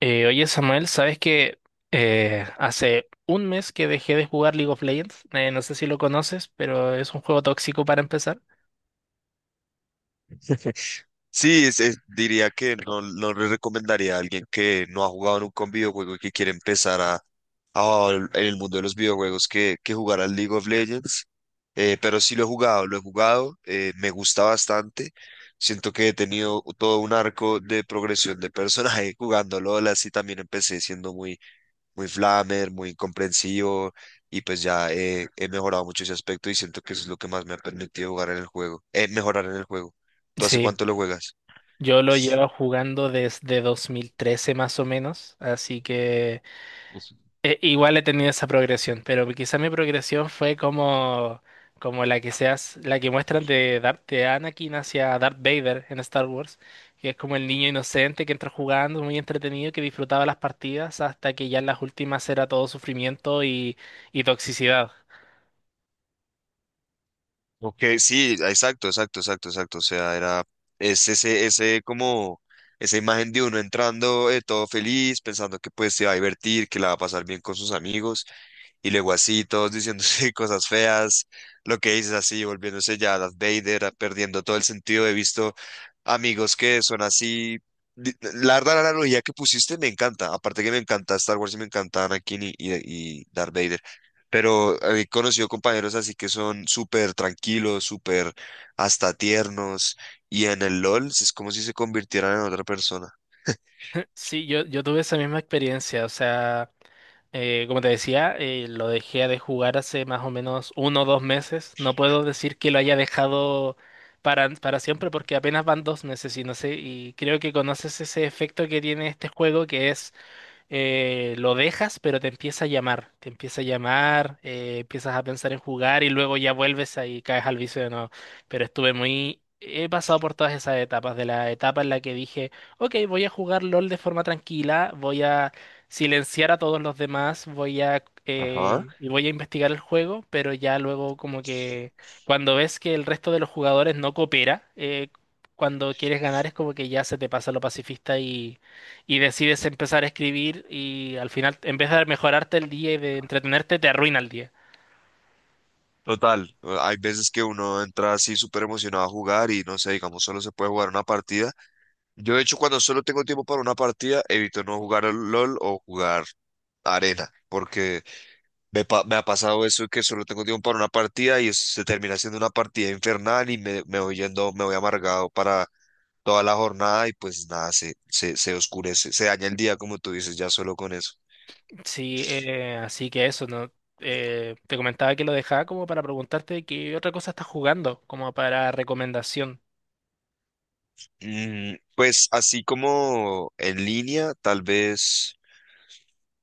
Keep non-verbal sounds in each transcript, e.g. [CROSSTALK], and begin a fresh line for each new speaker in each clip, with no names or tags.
Oye Samuel, ¿sabes que hace un mes que dejé de jugar League of Legends? No sé si lo conoces, pero es un juego tóxico para empezar.
Sí, diría que no, no le recomendaría a alguien que no ha jugado nunca un videojuego y que quiere empezar en el mundo de los videojuegos que jugar al League of Legends. Pero sí lo he jugado, me gusta bastante. Siento que he tenido todo un arco de progresión de personaje [LAUGHS] jugando LOL, así también empecé siendo muy flamer, muy incomprensivo y pues ya he mejorado mucho ese aspecto y siento que eso es lo que más me ha permitido jugar en el juego, mejorar en el juego. ¿Tú hace
Sí,
cuánto lo juegas?
yo lo llevo jugando desde 2013 más o menos, así que igual he tenido esa progresión, pero quizá mi progresión fue como, como la que seas, la que muestran de Darth de Anakin hacia Darth Vader en Star Wars, que es como el niño inocente que entra jugando, muy entretenido, que disfrutaba las partidas hasta que ya en las últimas era todo sufrimiento y toxicidad.
Ok, sí, exacto, exacto, exacto, exacto. O sea, era es ese como esa imagen de uno entrando todo feliz, pensando que pues se va a divertir, que la va a pasar bien con sus amigos. Y luego así, todos diciéndose [LAUGHS] cosas feas, lo que dices así, volviéndose ya Darth Vader, perdiendo todo el sentido. He visto amigos que son así. La verdad, la analogía que pusiste me encanta. Aparte que me encanta Star Wars y me encanta Anakin y Darth Vader. Pero he conocido compañeros así que son súper tranquilos, súper hasta tiernos. Y en el LOL es como si se convirtieran en otra persona.
[LAUGHS] Sí, yo tuve esa misma experiencia, o sea. Como te decía, lo dejé de jugar hace más o menos uno o dos meses. No puedo decir que lo haya dejado para siempre porque apenas van dos meses y no sé, y creo que conoces ese efecto que tiene este juego que es lo dejas, pero te empieza a llamar, te empieza a llamar, empiezas a pensar en jugar y luego ya vuelves ahí, caes al vicio de nuevo. Pero estuve muy... He pasado por todas esas etapas, de la etapa en la que dije, ok, voy a jugar LOL de forma tranquila, voy a silenciar a todos los demás, voy a...
Ajá.
voy a investigar el juego, pero ya luego como que cuando ves que el resto de los jugadores no coopera, cuando quieres ganar es como que ya se te pasa lo pacifista y decides empezar a escribir y al final, en vez de mejorarte el día y de entretenerte, te arruina el día.
Total, hay veces que uno entra así súper emocionado a jugar y no sé, digamos, solo se puede jugar una partida. Yo, de hecho, cuando solo tengo tiempo para una partida, evito no jugar al LOL o jugar arena, porque me ha pasado eso que solo tengo tiempo para una partida y eso se termina siendo una partida infernal y me voy yendo, me voy amargado para toda la jornada y pues nada, se oscurece, se daña el día, como tú dices, ya solo con eso.
Sí, así que eso, ¿no? Te comentaba que lo dejaba como para preguntarte qué otra cosa estás jugando, como para recomendación.
Mm, pues así como en línea, tal vez.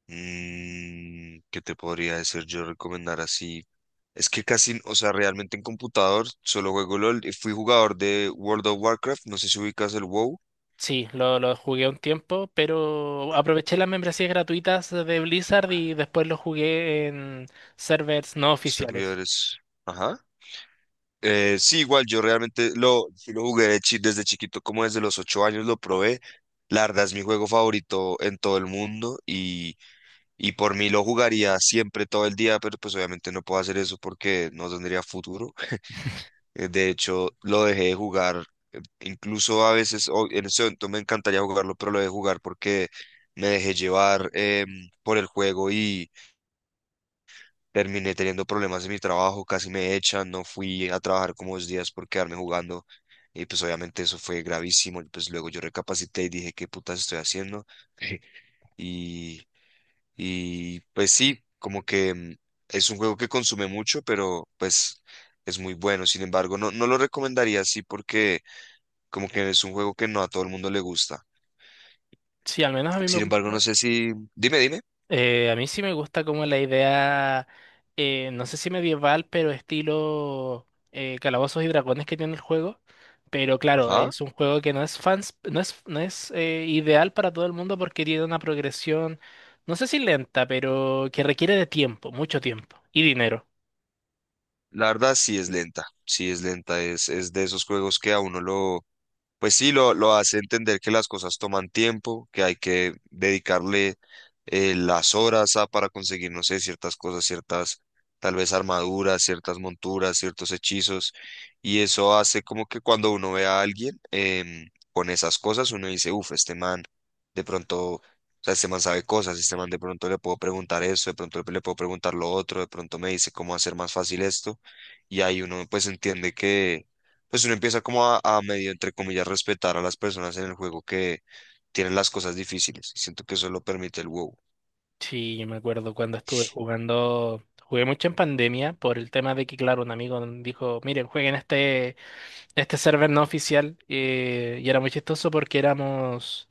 Mm, ¿qué te podría decir yo recomendar así? Es que casi, o sea, realmente en computador solo juego LOL. Y fui jugador de World of Warcraft, no sé si ubicas el WoW.
Sí, lo jugué un tiempo, pero aproveché las membresías gratuitas de Blizzard y después lo jugué en servers no oficiales.
Servidores. Ajá. Sí, igual, yo realmente lo, sí lo jugué de desde chiquito, como desde los 8 años lo probé. La verdad es mi juego favorito en todo el mundo y por mí lo jugaría siempre, todo el día, pero pues obviamente no puedo hacer eso porque no tendría futuro. De hecho, lo dejé de jugar. Incluso a veces, en ese momento me encantaría jugarlo, pero lo dejé de jugar porque me dejé llevar por el juego y terminé teniendo problemas en mi trabajo. Casi me echan, no fui a trabajar como 2 días por quedarme jugando. Y pues obviamente eso fue gravísimo. Pues luego yo recapacité y dije, ¿qué putas estoy haciendo? [LAUGHS] Y, y pues sí, como que es un juego que consume mucho, pero pues es muy bueno. Sin embargo, no, no lo recomendaría así porque como que es un juego que no a todo el mundo le gusta.
Sí, al menos a mí me
Sin embargo, no
gusta.
sé si... Dime, dime.
A mí sí me gusta como la idea, no sé si medieval, pero estilo Calabozos y Dragones que tiene el juego. Pero claro,
Ajá.
es un juego que no es fans, no es ideal para todo el mundo porque tiene una progresión, no sé si lenta, pero que requiere de tiempo, mucho tiempo y dinero.
La verdad sí es lenta. Sí es lenta. Es de esos juegos que a uno lo, pues sí, lo hace entender que las cosas toman tiempo, que hay que dedicarle las horas a, para conseguir, no sé, ciertas cosas, tal vez armaduras, ciertas monturas, ciertos hechizos. Y eso hace como que cuando uno ve a alguien con esas cosas, uno dice, uff, este man de pronto, o sea, este man sabe cosas, este man de pronto le puedo preguntar eso, de pronto le puedo preguntar lo otro, de pronto me dice cómo hacer más fácil esto. Y ahí uno pues entiende que pues uno empieza como a medio, entre comillas, respetar a las personas en el juego que tienen las cosas difíciles. Y siento que eso lo permite el WoW.
Sí, yo me acuerdo cuando estuve jugando, jugué mucho en pandemia por el tema de que, claro, un amigo dijo, miren, jueguen este server no oficial. Y era muy chistoso porque éramos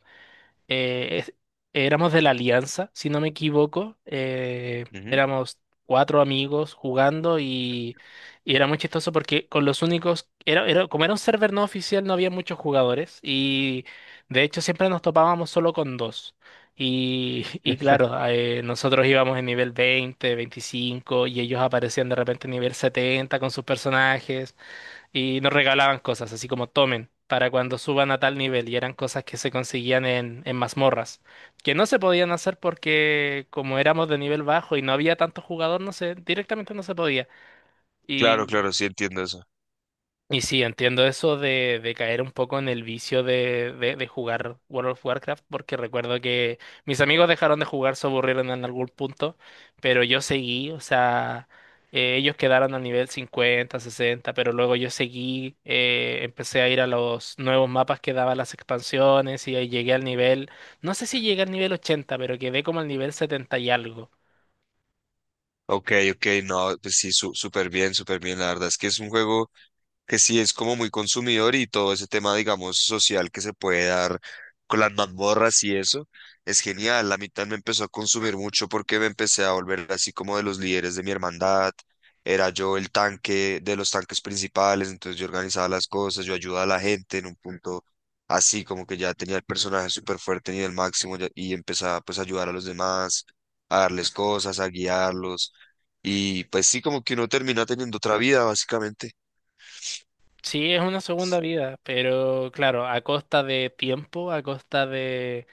eh, es- éramos de la Alianza, si no me equivoco.
Ujú.
Éramos cuatro amigos jugando y era muy chistoso porque con los únicos, como era un server no oficial, no había muchos jugadores y de hecho siempre nos topábamos solo con dos. Y [LAUGHS] y claro, nosotros íbamos en nivel 20 25 y ellos aparecían de repente en nivel 70 con sus personajes y nos regalaban cosas, así como tomen, para cuando suban a tal nivel, y eran cosas que se conseguían en mazmorras, que no se podían hacer porque como éramos de nivel bajo y no había tanto jugador, no sé, directamente no se podía.
Claro,
y
claro, sí entiendo eso.
y sí, entiendo eso de caer un poco en el vicio de jugar World of Warcraft, porque recuerdo que mis amigos dejaron de jugar, se aburrieron en algún punto, pero yo seguí, o sea, ellos quedaron al nivel 50 60 pero luego yo seguí, empecé a ir a los nuevos mapas que daban las expansiones y ahí llegué al nivel, no sé si llegué al nivel 80 pero quedé como al nivel 70 y algo.
Ok, ok, no, pues sí, súper bien, súper bien. La verdad es que es un juego que sí es como muy consumidor y todo ese tema, digamos, social que se puede dar con las mazmorras y eso, es genial. La mitad me empezó a consumir mucho porque me empecé a volver así como de los líderes de mi hermandad. Era yo el tanque de los tanques principales, entonces yo organizaba las cosas, yo ayudaba a la gente en un punto así, como que ya tenía el personaje súper fuerte ni el máximo y empezaba pues a ayudar a los demás, a darles cosas, a guiarlos. Y pues sí, como que uno termina teniendo otra vida, básicamente.
Sí, es una segunda vida, pero claro, a costa de tiempo, a costa de...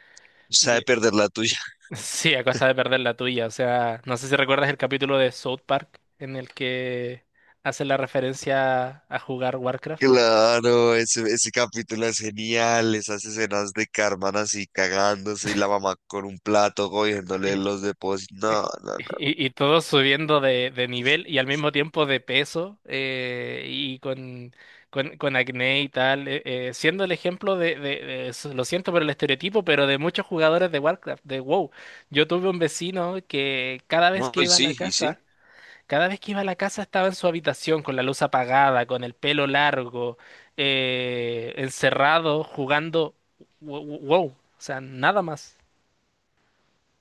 Sabe perder la tuya. [LAUGHS]
Sí, a costa de perder la tuya. O sea, no sé si recuerdas el capítulo de South Park en el que hace la referencia a jugar Warcraft.
Claro, ese capítulo es genial, esas escenas de Carmen así cagándose y la mamá con un plato cogiéndole
Y,
los depósitos. No, no, no.
y- y todos subiendo de nivel y al mismo tiempo de peso y con acné y tal, siendo el ejemplo de eso, lo siento por el estereotipo, pero de muchos jugadores de Warcraft, de WoW. Yo tuve un vecino que cada vez
No,
que
No, y
iba a la
sí, y sí.
casa... Cada vez que iba a la casa estaba en su habitación con la luz apagada, con el pelo largo, encerrado, jugando. Wow, o sea, nada más.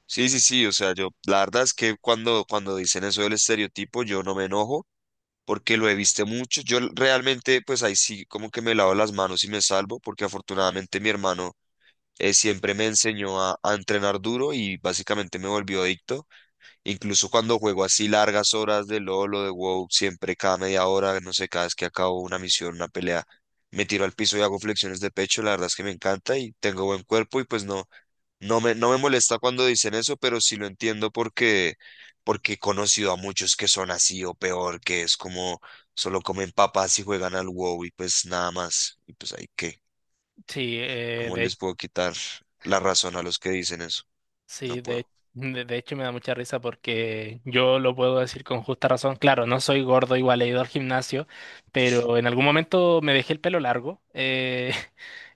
Sí, sí, sí. O sea, yo, la verdad es que cuando dicen eso del estereotipo, yo no me enojo porque lo he visto mucho. Yo realmente, pues ahí sí, como que me lavo las manos y me salvo porque afortunadamente mi hermano siempre me enseñó a entrenar duro y básicamente me volvió adicto. Incluso cuando juego así largas horas de LOL o de WoW, siempre cada media hora, no sé, cada vez que acabo una misión, una pelea, me tiro al piso y hago flexiones de pecho, la verdad es que me encanta y tengo buen cuerpo y pues no, no me molesta cuando dicen eso, pero sí lo entiendo porque he conocido a muchos que son así o peor, que es como solo comen papas y juegan al WoW y pues nada más. Y pues ahí qué,
Sí,
¿cómo les puedo quitar la razón a los que dicen eso? No
sí,
puedo.
de hecho me da mucha risa porque yo lo puedo decir con justa razón. Claro, no soy gordo, igual he ido al gimnasio, pero en algún momento me dejé el pelo largo.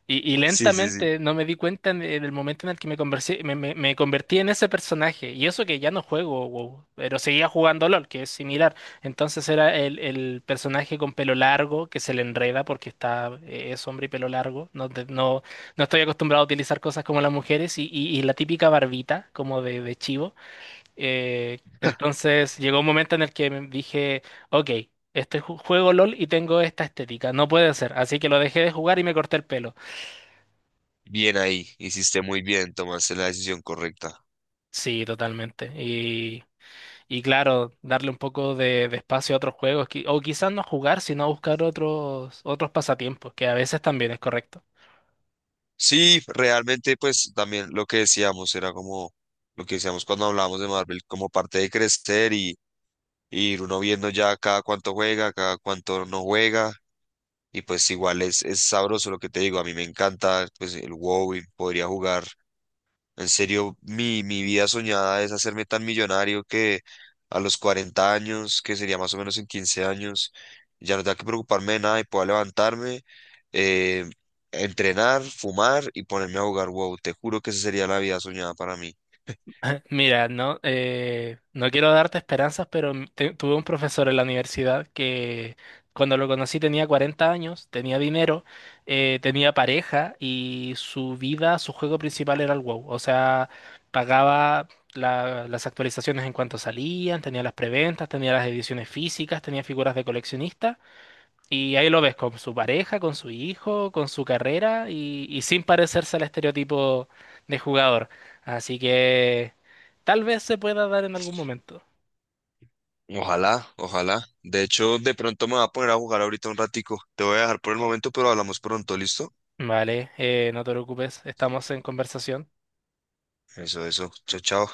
Y
[LAUGHS] Sí, sí, sí.
lentamente no me di cuenta en el momento en el que me, conversé- me- me convertí en ese personaje. Y eso que ya no juego WoW, pero seguía jugando LOL, que es similar. Entonces era el personaje con pelo largo que se le enreda porque está, es hombre y pelo largo. No estoy acostumbrado a utilizar cosas como las mujeres y la típica barbita, como de chivo. Entonces llegó un momento en el que me dije, ok. Este juego LOL y tengo esta estética. No puede ser. Así que lo dejé de jugar y me corté el pelo.
Bien ahí, hiciste muy bien, tomaste la decisión correcta.
Sí, totalmente. Y claro, darle un poco de espacio a otros juegos, o quizás no jugar, sino a buscar otros, otros pasatiempos, que a veces también es correcto.
Sí, realmente pues también lo que decíamos era como lo que decíamos cuando hablábamos de Marvel, como parte de crecer y ir uno viendo ya cada cuánto juega, cada cuánto no juega y pues igual es sabroso lo que te digo, a mí me encanta pues el WoW y podría jugar. En serio, mi vida soñada es hacerme tan millonario que a los 40 años, que sería más o menos en 15 años, ya no tenga que preocuparme de nada y pueda levantarme eh, entrenar, fumar y ponerme a jugar WoW. Te juro que esa sería la vida soñada para mí.
Mira, no, no quiero darte esperanzas, pero tuve un profesor en la universidad que cuando lo conocí tenía 40 años, tenía dinero, tenía pareja y su vida, su juego principal era el WoW. O sea, pagaba las actualizaciones en cuanto salían, tenía las preventas, tenía las ediciones físicas, tenía figuras de coleccionista. Y ahí lo ves con su pareja, con su hijo, con su carrera y sin parecerse al estereotipo de jugador. Así que... Tal vez se pueda dar en algún momento.
Ojalá, ojalá. De hecho, de pronto me voy a poner a jugar ahorita un ratico. Te voy a dejar por el momento, pero hablamos pronto, ¿listo?
Vale, no te preocupes, estamos en conversación.
Eso, eso. Chao, chao.